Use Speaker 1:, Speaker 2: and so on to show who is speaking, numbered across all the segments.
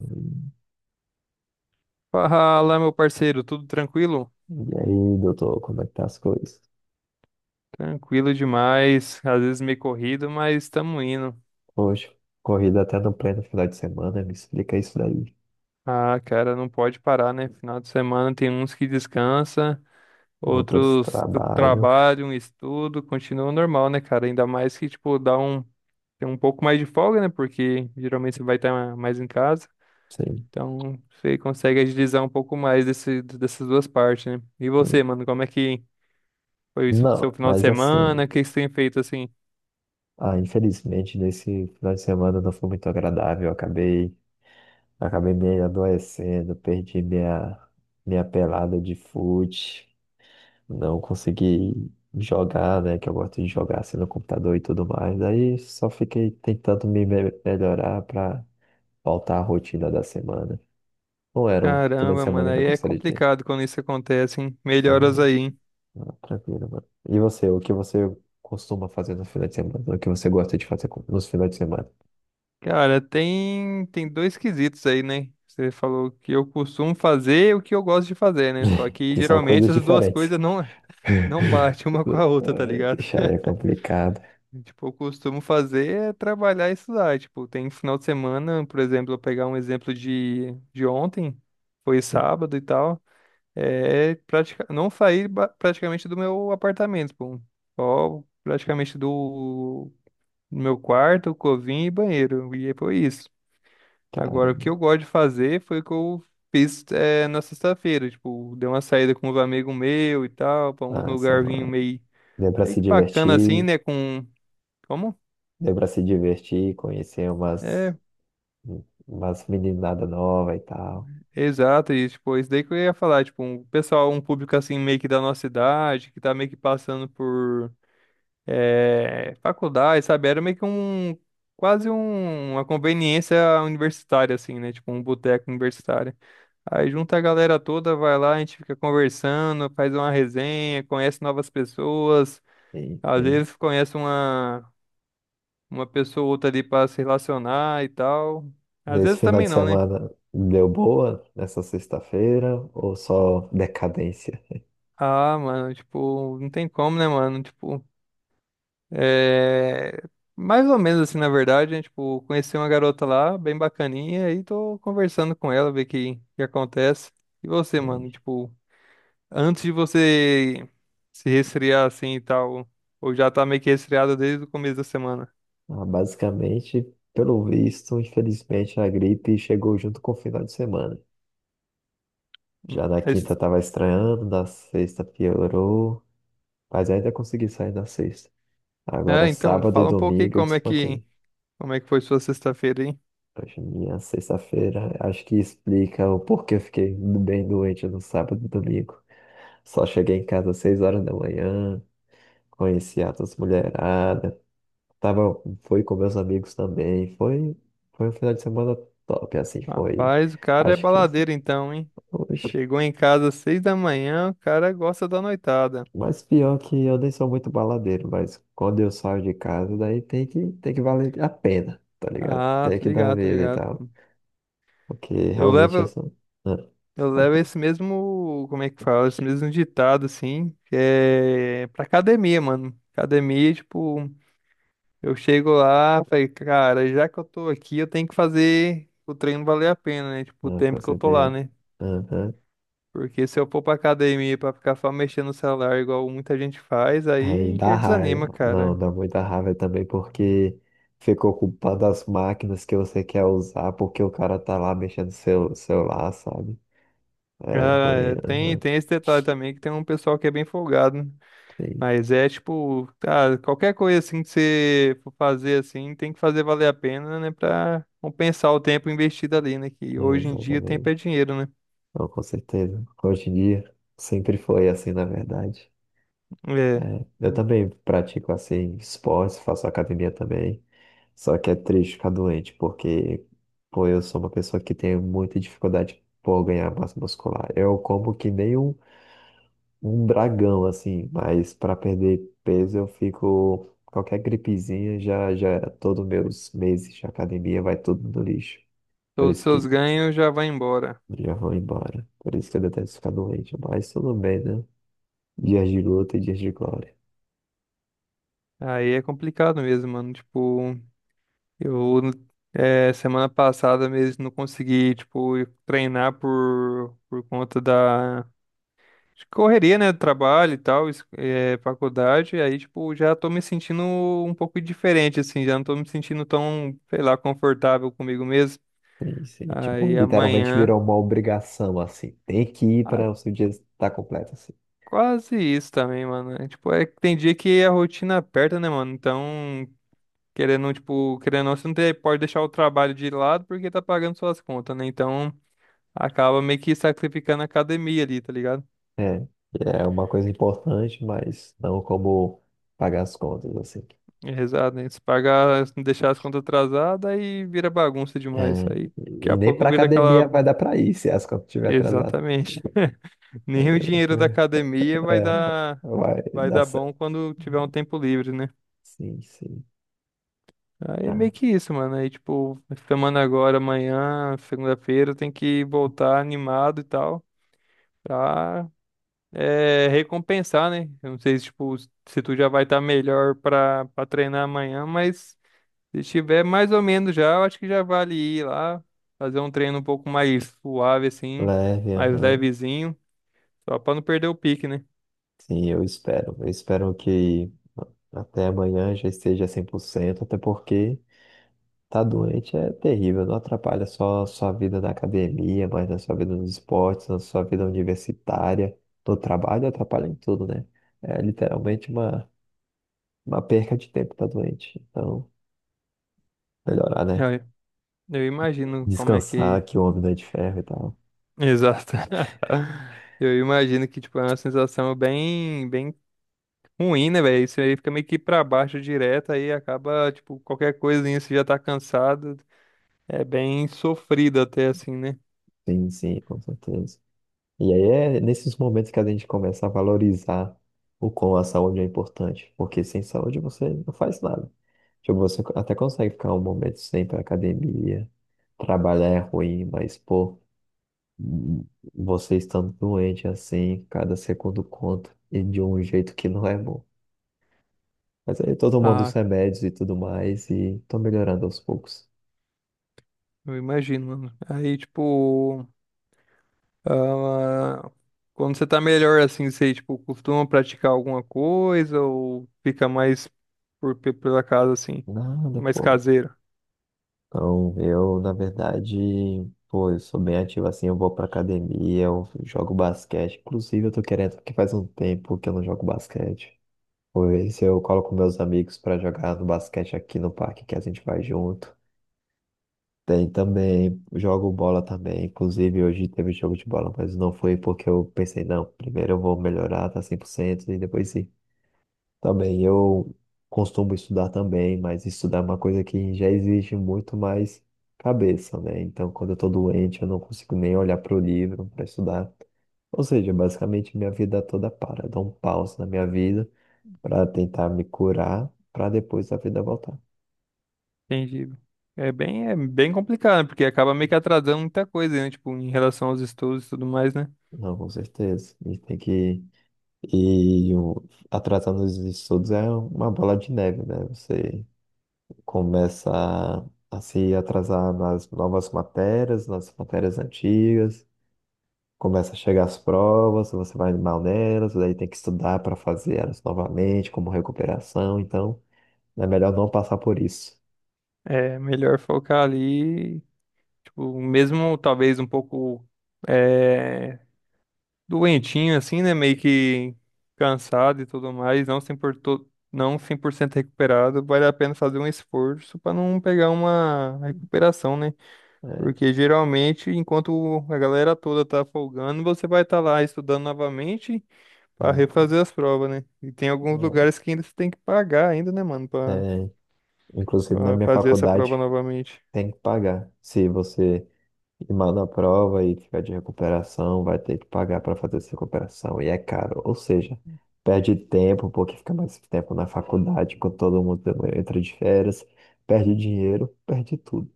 Speaker 1: Hum.
Speaker 2: Fala, meu parceiro, tudo tranquilo?
Speaker 1: E aí, doutor, como é que tá as coisas?
Speaker 2: Tranquilo demais, às vezes meio corrido, mas estamos indo.
Speaker 1: Hoje, corrida até no pleno final de semana, me explica isso daí.
Speaker 2: Ah, cara, não pode parar, né? Final de semana tem uns que descansa,
Speaker 1: Outros
Speaker 2: outros
Speaker 1: trabalho,
Speaker 2: trabalham, estudam, continua normal, né, cara? Ainda mais que, tipo, tem um pouco mais de folga, né? Porque geralmente você vai estar mais em casa,
Speaker 1: sim.
Speaker 2: então você consegue agilizar um pouco mais dessas duas partes, né? E você, mano, como é que foi o seu
Speaker 1: Não,
Speaker 2: final de
Speaker 1: mas assim,
Speaker 2: semana? O que você tem feito assim?
Speaker 1: infelizmente nesse final de semana não foi muito agradável. Eu acabei me adoecendo, perdi minha pelada de fute, não consegui jogar, né? Que eu gosto de jogar assim no computador e tudo mais. Daí só fiquei tentando me melhorar para faltar a rotina da semana. Não era um final de
Speaker 2: Caramba,
Speaker 1: semana
Speaker 2: mano,
Speaker 1: que eu
Speaker 2: aí é
Speaker 1: gostaria de ter.
Speaker 2: complicado quando isso acontece, hein?
Speaker 1: Ah,
Speaker 2: Melhoras aí, hein?
Speaker 1: ah, tranquilo, mano. E você, o que você costuma fazer no final de semana? O que você gosta de fazer nos finais de semana?
Speaker 2: Cara, tem dois quesitos aí, né? Você falou que eu costumo fazer e o que eu gosto de fazer, né? Só que
Speaker 1: Que são
Speaker 2: geralmente
Speaker 1: coisas
Speaker 2: as duas
Speaker 1: diferentes.
Speaker 2: coisas não, não batem uma com a outra, tá
Speaker 1: Ai,
Speaker 2: ligado?
Speaker 1: isso aí é complicado.
Speaker 2: Tipo, eu costumo fazer é trabalhar e estudar. Tipo, tem final de semana, por exemplo, eu pegar um exemplo de ontem, foi
Speaker 1: Sim,
Speaker 2: sábado e tal. Não saí praticamente do meu apartamento, pô. Só praticamente do meu quarto, cozinha e banheiro. E aí foi isso. Agora, o
Speaker 1: cara.
Speaker 2: que eu gosto de fazer foi o que eu fiz é, na sexta-feira. Tipo, dei uma saída com os amigos meus e tal, pra um
Speaker 1: Nossa, mano. Deu pra
Speaker 2: meio
Speaker 1: se
Speaker 2: que bacana assim,
Speaker 1: divertir,
Speaker 2: né? Com. Como?
Speaker 1: deu pra se divertir, conhecer
Speaker 2: É,
Speaker 1: umas meninadas novas e tal.
Speaker 2: exato, e tipo, isso daí que eu ia falar, tipo, um pessoal, um público assim, meio que da nossa idade, que tá meio que passando por faculdade, sabe? Era quase uma conveniência universitária, assim, né? Tipo um boteco universitário. Aí junta a galera toda, vai lá, a gente fica conversando, faz uma resenha, conhece novas pessoas,
Speaker 1: Sim,
Speaker 2: às
Speaker 1: sim.
Speaker 2: vezes uma pessoa ou outra ali pra se relacionar e tal. Às
Speaker 1: Nesse
Speaker 2: vezes
Speaker 1: final
Speaker 2: também
Speaker 1: de
Speaker 2: não, né?
Speaker 1: semana deu boa nessa sexta-feira ou só decadência?
Speaker 2: Ah, mano, tipo, não tem como, né, mano? Tipo, é, mais ou menos assim, na verdade, né? Tipo, conheci uma garota lá, bem bacaninha, e tô conversando com ela, ver que acontece. E você,
Speaker 1: Hum.
Speaker 2: mano, tipo, antes de você se resfriar assim e tal, ou já tá meio que resfriado desde o começo da semana.
Speaker 1: Ah, basicamente, pelo visto, infelizmente a gripe chegou junto com o final de semana. Já na quinta
Speaker 2: Mas,
Speaker 1: tava estranhando, na sexta piorou, mas ainda consegui sair na sexta. Agora
Speaker 2: é, então,
Speaker 1: sábado e
Speaker 2: fala um pouco aí
Speaker 1: domingo eu desfanquei.
Speaker 2: como é que foi sua sexta-feira, hein?
Speaker 1: Hoje, minha sexta-feira, acho que explica o porquê eu fiquei bem doente no sábado e domingo. Só cheguei em casa às 6 horas da manhã, conheci altas mulherada, tava, fui com meus amigos também, foi um final de semana top, assim, foi,
Speaker 2: Rapaz, o cara é
Speaker 1: acho que,
Speaker 2: baladeiro então, hein?
Speaker 1: oxe,
Speaker 2: Chegou em casa às seis da manhã, o cara gosta da noitada.
Speaker 1: mas pior que eu nem sou muito baladeiro, mas quando eu saio de casa, daí tem que valer a pena, tá ligado?
Speaker 2: Ah,
Speaker 1: Tem
Speaker 2: tô
Speaker 1: que dar
Speaker 2: ligado, tô
Speaker 1: vida e
Speaker 2: ligado,
Speaker 1: tal,
Speaker 2: pô.
Speaker 1: porque
Speaker 2: Eu
Speaker 1: realmente eu
Speaker 2: levo.
Speaker 1: sou, ah,
Speaker 2: Eu
Speaker 1: pode
Speaker 2: levo
Speaker 1: falar,
Speaker 2: esse mesmo, como é que fala, esse mesmo ditado, assim, é pra academia, mano. Academia, tipo, eu chego lá, falei, cara, já que eu tô aqui, eu tenho que fazer o treino valer a pena, né? Tipo, o
Speaker 1: ah, com
Speaker 2: tempo que eu tô lá,
Speaker 1: certeza,
Speaker 2: né? Porque se eu for pra academia pra ficar só mexendo no celular, igual muita gente faz,
Speaker 1: aí
Speaker 2: aí que
Speaker 1: dá
Speaker 2: aí desanima,
Speaker 1: raiva. Não,
Speaker 2: cara.
Speaker 1: dá muita raiva também porque ficou culpado as máquinas que você quer usar porque o cara tá lá mexendo no seu celular, sabe? É
Speaker 2: Ah,
Speaker 1: ruim. Aham.
Speaker 2: tem esse detalhe também, que tem um pessoal que é bem folgado.
Speaker 1: Sim,
Speaker 2: Mas é tipo, cara, qualquer coisa assim que você for fazer assim, tem que fazer valer a pena, né? Pra compensar o tempo investido ali, né? Que
Speaker 1: é,
Speaker 2: hoje em dia tempo é
Speaker 1: exatamente.
Speaker 2: dinheiro, né?
Speaker 1: Não, com certeza. Hoje em dia sempre foi assim, na verdade.
Speaker 2: É.
Speaker 1: É, eu
Speaker 2: Hum.
Speaker 1: também pratico assim esportes, faço academia também. Só que é triste ficar doente, porque pô, eu sou uma pessoa que tem muita dificuldade por ganhar massa muscular. Eu como que nem um dragão, assim, mas para perder peso eu fico. Qualquer gripezinha já, já, é, todos meus meses de academia vai tudo no lixo. Por
Speaker 2: Todos os
Speaker 1: isso
Speaker 2: seus
Speaker 1: que
Speaker 2: ganhos já vão embora.
Speaker 1: já vão embora. Por isso que eu detesto ficar doente. Mas tudo bem, né? Dias de luta e dias de glória.
Speaker 2: Aí é complicado mesmo, mano. Tipo, eu é, semana passada mesmo não consegui, tipo, treinar por conta da de Correria, né? Trabalho e tal, é, faculdade, aí, tipo, já tô me sentindo um pouco diferente, assim, já não tô me sentindo tão, sei lá, confortável comigo mesmo.
Speaker 1: Sim, sim. Tipo,
Speaker 2: Aí
Speaker 1: literalmente
Speaker 2: amanhã,
Speaker 1: virou uma obrigação, assim. Tem que ir
Speaker 2: ah,
Speaker 1: para o seu dia estar completo, assim.
Speaker 2: quase isso também, mano. É, tipo, é que tem dia que a rotina aperta, né, mano? Então, querendo ou não, você não pode deixar o trabalho de lado porque tá pagando suas contas, né? Então, acaba meio que sacrificando a academia ali, tá ligado?
Speaker 1: É, é uma coisa importante, mas não como pagar as contas, assim.
Speaker 2: É, exato, né? Se pagar, se não deixar as contas atrasadas, aí vira bagunça demais.
Speaker 1: É,
Speaker 2: Aí daqui
Speaker 1: e
Speaker 2: a
Speaker 1: nem
Speaker 2: pouco
Speaker 1: pra
Speaker 2: vira aquela.
Speaker 1: academia vai dar pra ir se as contas estiver atrasada.
Speaker 2: Exatamente.
Speaker 1: Aí
Speaker 2: Nem o
Speaker 1: eu-
Speaker 2: dinheiro da academia
Speaker 1: É, vai
Speaker 2: vai
Speaker 1: dar
Speaker 2: dar bom
Speaker 1: certo.
Speaker 2: quando tiver um tempo livre, né?
Speaker 1: Sim, sim.
Speaker 2: Aí é
Speaker 1: Tá.
Speaker 2: meio que isso, mano. Aí, tipo, semana agora, amanhã, segunda-feira, tem que voltar animado e tal, pra é, recompensar, né? Eu não sei se, tipo, se tu já vai estar melhor pra treinar amanhã, mas. Se tiver mais ou menos já, eu acho que já vale ir lá, fazer um treino um pouco mais suave, assim,
Speaker 1: Leve,
Speaker 2: mais
Speaker 1: aham.
Speaker 2: levezinho, só pra não perder o pique, né?
Speaker 1: Sim, eu espero. Eu espero que até amanhã já esteja 100%. Até porque tá doente é terrível. Não atrapalha só a sua vida na academia, mas na sua vida nos esportes, na sua vida universitária, no trabalho, atrapalha em tudo, né? É literalmente uma perca de tempo tá doente. Então, melhorar,
Speaker 2: Eu,
Speaker 1: né?
Speaker 2: eu imagino como é
Speaker 1: Descansar,
Speaker 2: que.
Speaker 1: que o homem não é de ferro e tal.
Speaker 2: Exato. Eu imagino que, tipo, é uma sensação bem ruim, né, velho? Isso aí fica meio que pra baixo direto, aí acaba, tipo, qualquer coisinha, você já tá cansado. É bem sofrido até, assim, né?
Speaker 1: Sim, sim, com certeza. E aí é nesses momentos que a gente começa a valorizar o quão a saúde é importante, porque sem saúde você não faz nada. Tipo, você até consegue ficar um momento sem ir pra academia, trabalhar é ruim, mas, pô, você estando doente assim, cada segundo conta, e de um jeito que não é bom. Mas aí eu tô tomando os
Speaker 2: Ah,
Speaker 1: remédios e tudo mais, e tô melhorando aos poucos.
Speaker 2: eu imagino, mano. Aí, tipo. Ah, quando você tá melhor assim, você tipo costuma praticar alguma coisa ou fica mais pela casa assim,
Speaker 1: Nada,
Speaker 2: é mais
Speaker 1: pô.
Speaker 2: caseiro?
Speaker 1: Então, eu, na verdade, pô, eu sou bem ativo assim, eu vou pra academia, eu jogo basquete. Inclusive, eu tô querendo, porque faz um tempo que eu não jogo basquete. Pois eu coloco meus amigos pra jogar no basquete aqui no parque, que a gente vai junto. Tem também, jogo bola também. Inclusive, hoje teve jogo de bola, mas não foi porque eu pensei, não, primeiro eu vou melhorar, tá 100% e depois sim. Tá bem, eu costumo estudar também, mas estudar é uma coisa que já exige muito mais cabeça, né? Então, quando eu tô doente, eu não consigo nem olhar para o livro para estudar. Ou seja, basicamente minha vida toda para. Eu dou um pause na minha vida para tentar me curar, para depois a vida voltar.
Speaker 2: Entendi. É bem complicado, né? Porque acaba meio que atrasando muita coisa, né? Tipo, em relação aos estudos e tudo mais, né?
Speaker 1: Não, com certeza. A gente tem que ir atrasando os estudos é uma bola de neve, né? Você começa a se atrasar nas novas matérias, nas matérias antigas, começa a chegar as provas, você vai mal nelas, daí tem que estudar para fazer elas novamente, como recuperação, então é melhor não passar por isso.
Speaker 2: É melhor focar ali, tipo, mesmo talvez um pouco eh, doentinho, assim, né? Meio que cansado e tudo mais, não 100%, não 100% recuperado, vale a pena fazer um esforço para não pegar uma recuperação, né?
Speaker 1: É,
Speaker 2: Porque geralmente, enquanto a galera toda tá folgando, você vai estar lá estudando novamente para
Speaker 1: hum,
Speaker 2: refazer as provas, né? E tem alguns lugares que ainda você tem que pagar ainda, né, mano, para
Speaker 1: é, inclusive na minha
Speaker 2: fazer essa prova
Speaker 1: faculdade
Speaker 2: novamente.
Speaker 1: tem que pagar. Se você E mal na prova e ficar de recuperação, vai ter que pagar para fazer essa recuperação. E é caro. Ou seja, perde tempo, porque fica mais tempo na faculdade, quando todo mundo entra de férias, perde dinheiro, perde tudo.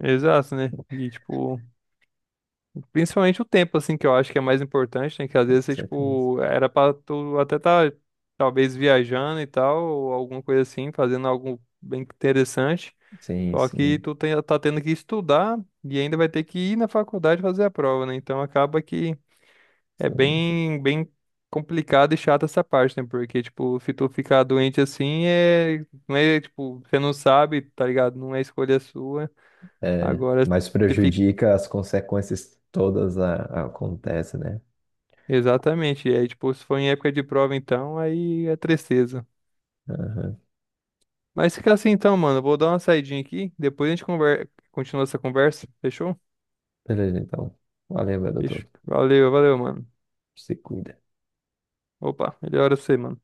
Speaker 2: Exato, né? E tipo. Principalmente o tempo, assim, que eu acho que é mais importante, né? Que às
Speaker 1: Com
Speaker 2: vezes você,
Speaker 1: certeza.
Speaker 2: tipo, era pra tu até tá, talvez, viajando e tal, ou alguma coisa assim, fazendo algo bem interessante.
Speaker 1: Sim,
Speaker 2: Só que
Speaker 1: sim,
Speaker 2: tá tendo que estudar e ainda vai ter que ir na faculdade fazer a prova, né? Então acaba que é
Speaker 1: sim, sim.
Speaker 2: bem complicado e chato essa parte, né? Porque, tipo, se tu ficar doente assim, não é, tipo, você não sabe, tá ligado? Não é escolha sua.
Speaker 1: É,
Speaker 2: Agora
Speaker 1: mas
Speaker 2: se
Speaker 1: prejudica as consequências todas acontecem, né?
Speaker 2: Exatamente. E aí, tipo, se for em época de prova, então, aí é tristeza.
Speaker 1: Aham.
Speaker 2: Mas fica assim então, mano. Eu vou dar uma saidinha aqui. Depois a gente continua essa conversa. Fechou?
Speaker 1: Beleza, então. Valeu, meu doutor.
Speaker 2: Fechou. Valeu, valeu, mano.
Speaker 1: Se cuida.
Speaker 2: Opa, melhora você, mano.